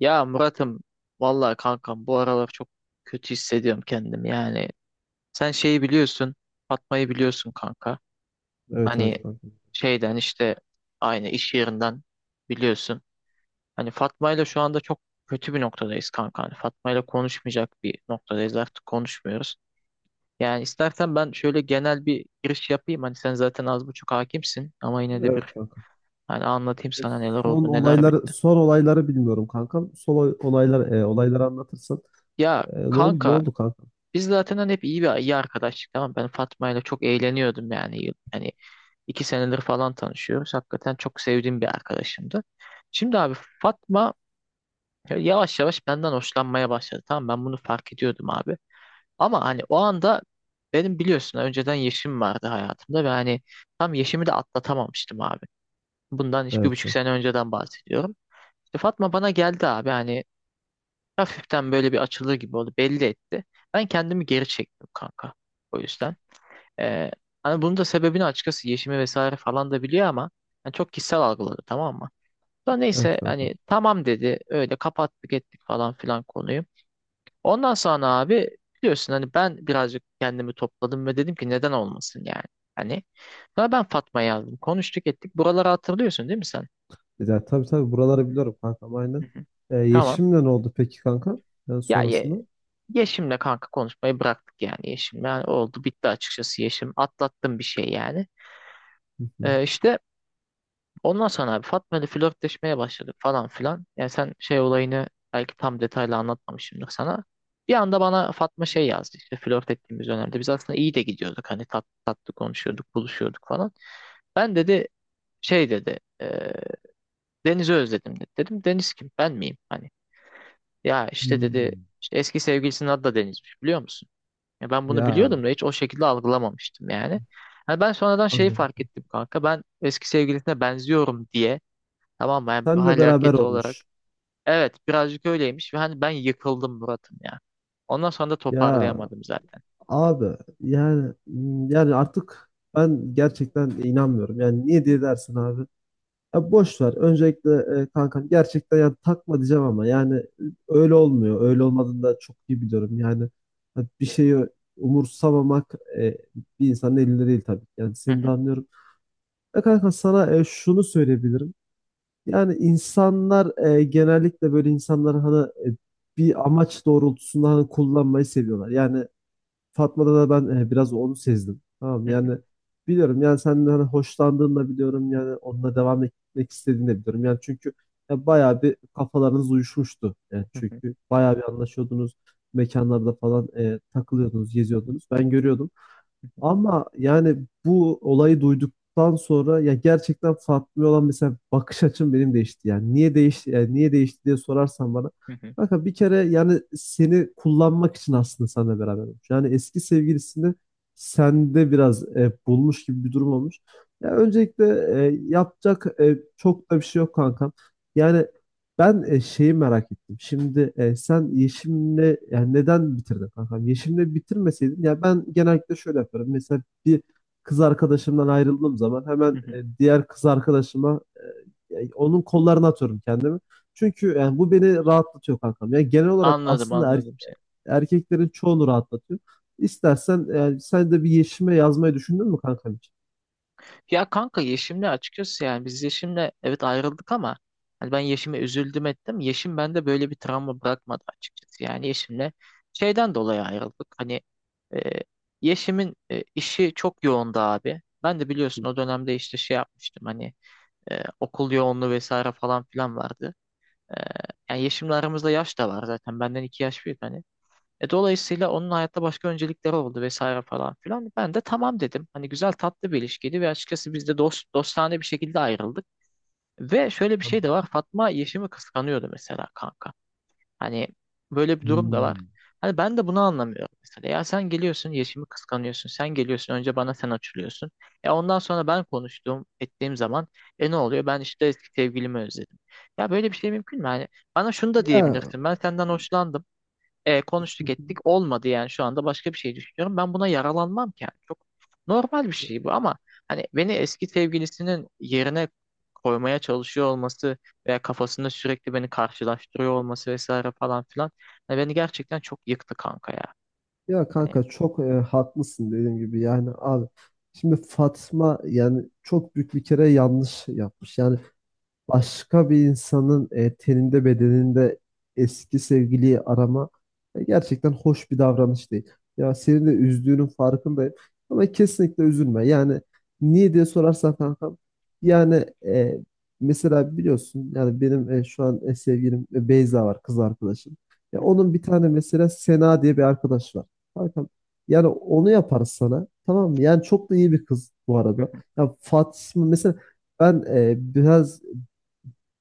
Ya Murat'ım, vallahi kankam bu aralar çok kötü hissediyorum kendimi yani. Sen şeyi biliyorsun, Fatma'yı biliyorsun kanka. Evet, evet Hani kanka. şeyden işte aynı iş yerinden biliyorsun. Hani Fatma'yla şu anda çok kötü bir noktadayız kanka. Hani Fatma'yla konuşmayacak bir noktadayız, artık konuşmuyoruz. Yani istersen ben şöyle genel bir giriş yapayım. Hani sen zaten az buçuk hakimsin ama yine de bir Evet kanka. hani anlatayım E, sana neler Son oldu neler olayları bitti. son olayları bilmiyorum kankam. Olaylar olayları anlatırsan. Ya Ne oldu ne kanka, oldu kanka? biz zaten hani hep iyi bir iyi arkadaştık, tamam mı? Ben Fatma ile çok eğleniyordum yani hani 2 senedir falan tanışıyoruz, hakikaten çok sevdiğim bir arkadaşımdı. Şimdi abi, Fatma yavaş yavaş benden hoşlanmaya başladı, tamam, ben bunu fark ediyordum abi, ama hani o anda benim biliyorsun önceden Yeşim vardı hayatımda ve hani tam Yeşim'i de atlatamamıştım abi, bundan işte bir Evet buçuk kanka. sene önceden bahsediyorum. İşte Fatma bana geldi abi, hani hafiften böyle bir açılır gibi oldu, belli etti, ben kendimi geri çektim kanka, o yüzden. Ee, Hani bunun da sebebini açıkçası Yeşim'i vesaire falan da biliyor ama yani çok kişisel algıladı, tamam mı? Sonra Evet neyse kanka. hani tamam dedi, öyle kapattık ettik falan filan konuyu. Ondan sonra abi biliyorsun hani ben birazcık kendimi topladım ve dedim ki neden olmasın yani. Hani sonra ben Fatma yazdım, konuştuk ettik, buraları hatırlıyorsun değil mi sen? Ya, tabii, tabii buraları biliyorum kankam, aynen. Hı hı. Tamam. Yeşim'le ne oldu peki kanka? Ya ye, Sonrasında? Yeşim'le kanka konuşmayı bıraktık yani Yeşim'le. Yani oldu bitti açıkçası Yeşim. Atlattım bir şey yani. Hı hı. Ee, işte Ondan sonra abi Fatma ile flörtleşmeye başladık falan filan. Yani sen şey olayını belki tam detaylı anlatmamışımdır sana. Bir anda bana Fatma şey yazdı, işte flört ettiğimiz dönemde. Biz aslında iyi de gidiyorduk, hani tatlı tatlı konuşuyorduk, buluşuyorduk falan. Ben dedi, şey dedi, Deniz'i özledim dedi. Dedim Deniz kim, ben miyim? Hani ya işte dedi, Hmm. işte eski sevgilisinin adı da Deniz'miş, biliyor musun? Ya ben bunu Ya, biliyordum da hiç o şekilde algılamamıştım yani. Hani ben sonradan şeyi fark anladım. ettim kanka, ben eski sevgilisine benziyorum diye. Tamam mı? Yani Senle hal beraber hareketi olarak. olmuş. Evet birazcık öyleymiş, ve hani ben yıkıldım Murat'ım ya. Ondan sonra da Ya toparlayamadım zaten. abi, yani yani artık ben gerçekten inanmıyorum. Yani niye diye dersin abi? Ya boş ver. Öncelikle kankam, gerçekten yani takma diyeceğim ama yani öyle olmuyor. Öyle olmadığını da çok iyi biliyorum. Yani ha, bir şeyi umursamamak bir insanın elinde değil tabii. Yani Hı seni de hı, anlıyorum. Ya kanka, sana şunu söyleyebilirim. Yani insanlar genellikle böyle insanlar hani bir amaç doğrultusunda hani kullanmayı seviyorlar. Yani Fatma'da da ben biraz onu sezdim. Tamam mı? hı hı, Yani biliyorum yani senden hani hoşlandığını da biliyorum, yani onunla devam etmek istediğini de biliyorum. Yani çünkü ya bayağı bir kafalarınız uyuşmuştu. Yani hı hı, çünkü bayağı bir anlaşıyordunuz. Mekanlarda falan takılıyordunuz, geziyordunuz. Ben görüyordum. Ama yani bu olayı duyduktan sonra ya gerçekten Fatma'ya olan mesela bakış açım benim değişti. Yani niye değişti yani niye değişti diye sorarsan bana. hı hı, Kanka, bir kere yani seni kullanmak için aslında seninle beraber olmuş. Yani eski sevgilisini sende biraz bulmuş gibi bir durum olmuş. Ya öncelikle yapacak çok da bir şey yok kankam. Yani ben şeyi merak ettim. Şimdi sen Yeşim'le yani neden bitirdin kankam? Yeşim'le bitirmeseydin, ya ben genellikle şöyle yaparım. Mesela bir kız arkadaşımdan ayrıldığım zaman hı hemen hı. Diğer kız arkadaşıma yani onun kollarına atıyorum kendimi. Çünkü yani bu beni rahatlatıyor kankam. Yani genel olarak Anladım, aslında anladım seni. erkeklerin çoğunu rahatlatıyor. İstersen yani sen de bir Yeşim'e yazmayı düşündün mü kankam için? Ya kanka Yeşim'le açıkçası yani biz Yeşim'le evet ayrıldık ama hani ben Yeşim'e üzüldüm ettim. Yeşim bende böyle bir travma bırakmadı açıkçası. Yani Yeşim'le şeyden dolayı ayrıldık. Hani e, Yeşim'in işi çok yoğundu abi. Ben de biliyorsun o dönemde işte şey yapmıştım hani. Okul yoğunluğu vesaire falan filan vardı. E, Yani yeşimle aramızda yaş da var zaten. Benden 2 yaş büyük hani. Dolayısıyla onun hayatta başka öncelikleri oldu vesaire falan filan. Ben de tamam dedim. Hani güzel tatlı bir ilişkiydi ve açıkçası biz de dostane bir şekilde ayrıldık. Ve şöyle bir şey de var. Fatma Yeşim'i kıskanıyordu mesela kanka. Hani böyle bir durum da var. Hmm. Hani ben de bunu anlamıyorum mesela. Ya sen geliyorsun, Yeşim'i kıskanıyorsun. Sen geliyorsun, önce bana sen açılıyorsun. E ondan sonra ben konuştuğum, ettiğim zaman e ne oluyor? Ben işte eski sevgilimi özledim. Ya böyle bir şey mümkün mü? Hani bana şunu da Ya diyebilirsin. Ben senden hoşlandım. Konuştuk ettik olmadı yani şu anda başka bir şey düşünüyorum. Ben buna yaralanmam ki yani. Çok normal bir şey bu ama hani beni eski sevgilisinin yerine koymaya çalışıyor olması veya kafasında sürekli beni karşılaştırıyor olması vesaire falan filan, hani beni gerçekten çok yıktı kanka ya. ya Hani, kanka, çok haklısın. Dediğim gibi yani abi, şimdi Fatma yani çok büyük bir kere yanlış yapmış. Yani başka bir insanın teninde, bedeninde eski sevgiliyi arama gerçekten hoş bir davranış değil. Ya senin de üzdüğünün farkındayım ama kesinlikle üzülme. Yani niye diye sorarsan kankam, yani mesela biliyorsun yani benim şu an sevgilim Beyza var, kız arkadaşım. Ya onun bir tane mesela Sena diye bir arkadaş var. Kankam, yani onu yaparız sana, tamam mı? Yani çok da iyi bir kız bu arada. Ya Fatma mesela, ben biraz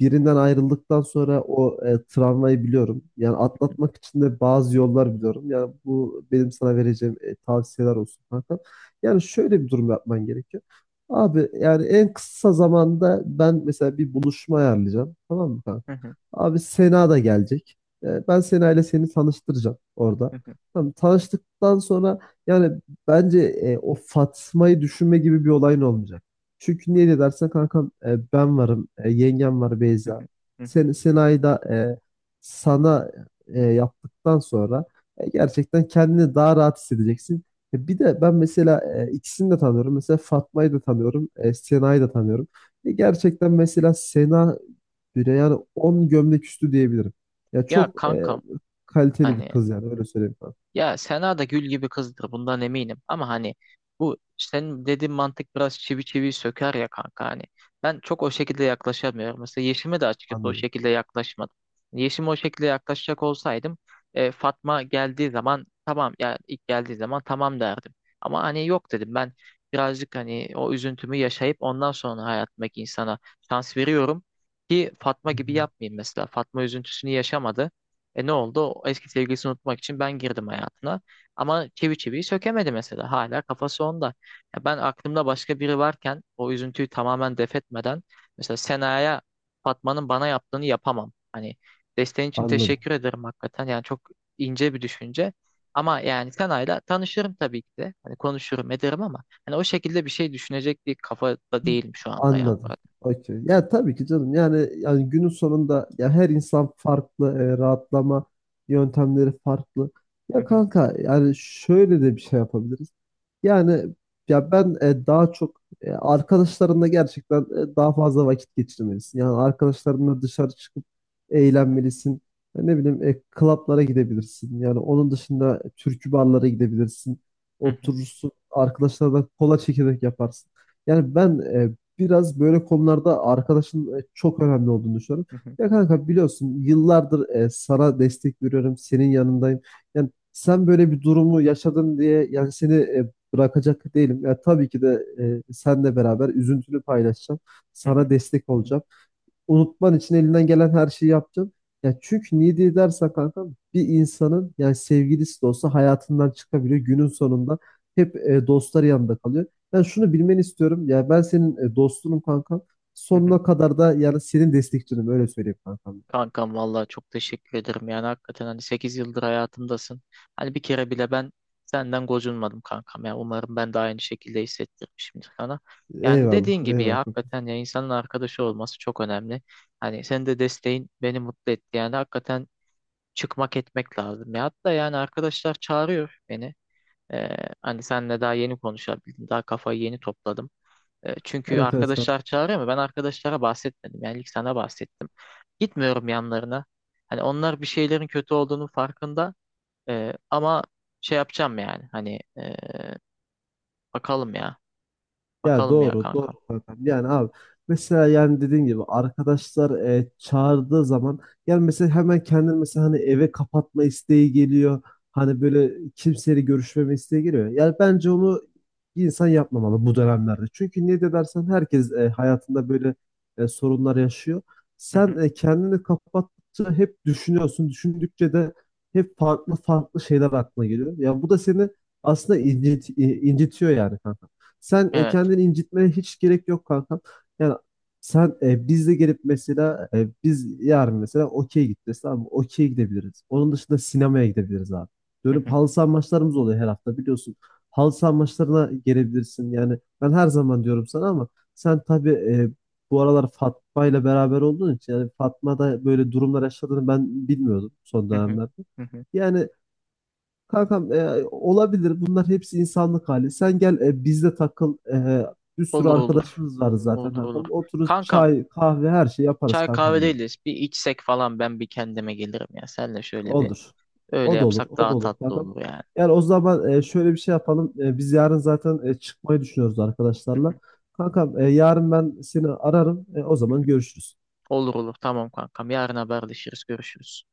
birinden ayrıldıktan sonra o travmayı biliyorum. Yani atlatmak için de bazı yollar biliyorum. Yani bu benim sana vereceğim tavsiyeler olsun kanka. Yani şöyle bir durum yapman gerekiyor. Abi, yani en kısa zamanda ben mesela bir buluşma ayarlayacağım. Tamam mı kanka? Abi, Sena da gelecek. Ben Sena ile seni tanıştıracağım orada. Tamam, tanıştıktan sonra yani bence o Fatma'yı düşünme gibi bir olayın olmayacak. Çünkü niye de dersen kankam, ben varım, yengem var, Beyza. Sen, Sena'yı da sana yaptıktan sonra gerçekten kendini daha rahat hissedeceksin. Bir de ben mesela ikisini de tanıyorum. Mesela Fatma'yı da tanıyorum, Sena'yı da tanıyorum. Gerçekten mesela Sena düğüne. Yani 10 gömlek üstü diyebilirim. Ya ya çok kankam, kaliteli bir hani kız, yani öyle söyleyeyim ben. ya Sena da gül gibi kızdır bundan eminim ama hani bu senin dediğin mantık biraz çivi çivi söker ya kanka, hani ben çok o şekilde yaklaşamıyorum. Mesela Yeşim'e de açıkçası o Anladım. şekilde yaklaşmadım. Yeşim'e o şekilde yaklaşacak olsaydım, Fatma geldiği zaman tamam, ya ilk geldiği zaman tamam derdim. Ama hani yok dedim, ben birazcık hani o üzüntümü yaşayıp ondan sonra hayatımdaki insana şans veriyorum, ki Fatma Hı gibi hı. yapmayayım mesela. Fatma üzüntüsünü yaşamadı. E ne oldu? O eski sevgilisini unutmak için ben girdim hayatına. Ama çivi çiviyi sökemedi mesela. Hala kafası onda. Ya ben aklımda başka biri varken o üzüntüyü tamamen def etmeden mesela Sena'ya Fatma'nın bana yaptığını yapamam. Hani desteğin için Anladım. teşekkür ederim hakikaten. Yani çok ince bir düşünce. Ama yani Sena'yla tanışırım tabii ki de. Hani konuşurum ederim ama hani o şekilde bir şey düşünecek bir kafada değilim şu anda ya Anladım. Murat. Okey. Ya tabii ki canım. Yani yani günün sonunda ya her insan farklı, rahatlama yöntemleri farklı. Hı Ya hı, kanka, yani şöyle de bir şey yapabiliriz. Yani ya ben daha çok arkadaşlarınla gerçekten daha fazla vakit geçirmelisin. Yani arkadaşlarınla dışarı çıkıp hı hı, eğlenmelisin. Ya ne bileyim, klaplara gidebilirsin. Yani onun dışında türkü barlara gidebilirsin. hı hı, Oturursun, arkadaşlarla kola çekirdek yaparsın. Yani ben biraz böyle konularda arkadaşın çok önemli olduğunu düşünüyorum. hı hı, Ya kanka, biliyorsun yıllardır sana destek veriyorum, senin yanındayım. Yani sen böyle bir durumu yaşadın diye yani seni bırakacak değilim. Ya tabii ki de senle beraber üzüntünü paylaşacağım. hı hı, Sana destek olacağım, unutman için elinden gelen her şeyi yapacağım. Ya çünkü niye diye dersen kanka, bir insanın yani sevgilisi de olsa hayatından çıkabiliyor. Günün sonunda hep dostları yanında kalıyor. Ben şunu bilmeni istiyorum. Ya ben senin dostunum kankam. hı hı. Sonuna kadar da yani senin destekçinim, öyle söyleyeyim kankam. Kankam vallahi çok teşekkür ederim. Yani hakikaten hani 8 yıldır hayatımdasın. Hani bir kere bile ben senden gocunmadım kankam. Yani umarım ben de aynı şekilde hissettirmişimdir sana. Yani Eyvallah, dediğin gibi ya, eyvallah. hakikaten ya, insanın arkadaşı olması çok önemli. Hani senin de desteğin beni mutlu etti. Yani hakikaten çıkmak etmek lazım. Ya hatta yani arkadaşlar çağırıyor beni. Ee, Hani senle daha yeni konuşabildim. Daha kafayı yeni topladım. Çünkü Evet, evet arkadaşlar kankam. çağırıyor ama ben arkadaşlara bahsetmedim. Yani ilk sana bahsettim. Gitmiyorum yanlarına. Hani onlar bir şeylerin kötü olduğunun farkında. Ama şey yapacağım yani. Hani bakalım ya. Ya Bakalım ya doğru, doğru kankam. kankam. Yani abi, mesela yani dediğin gibi arkadaşlar çağırdığı zaman yani mesela hemen kendini mesela hani eve kapatma isteği geliyor. Hani böyle kimseyle görüşmeme isteği geliyor. Yani bence onu bir insan yapmamalı bu dönemlerde. Çünkü ne de dersen herkes hayatında böyle sorunlar yaşıyor. Hı Sen hı. Kendini kapattıkça hep düşünüyorsun. Düşündükçe de hep farklı farklı şeyler aklına geliyor. Ya bu da seni aslında incitiyor yani kanka. Sen Evet. kendini incitmeye hiç gerek yok kankam. Yani sen bizle gelip mesela, biz yarın mesela okey gideceğiz, tamam mı? Okey gidebiliriz. Onun dışında sinemaya gidebiliriz abi. Hı Dönüp hı. halı saha maçlarımız oluyor her hafta, biliyorsun. Halı saha maçlarına gelebilirsin. Yani ben her zaman diyorum sana ama sen tabii bu aralar Fatma ile beraber olduğun için yani Fatma da böyle durumlar yaşadığını ben bilmiyordum son Hı hı. dönemlerde. Hı hı. Yani kankam, olabilir. Bunlar hepsi insanlık hali. Sen gel bizde takıl. Bir sürü Olur olur. arkadaşımız var zaten Olur olur. kankam. Otururuz, Kankam, çay, kahve her şeyi yaparız çay kahve kankam yani. değiliz. Bir içsek falan ben bir kendime gelirim ya. Senle şöyle bir Olur. öyle O da olur. yapsak O da daha olur tatlı kankam. olur yani. Yani o zaman şöyle bir şey yapalım. Biz yarın zaten çıkmayı düşünüyoruz Hı arkadaşlarla. hı, Kankam, yarın ben seni ararım. O hı zaman hı. görüşürüz. Olur olur, tamam kankam. Yarın haberleşiriz. Görüşürüz.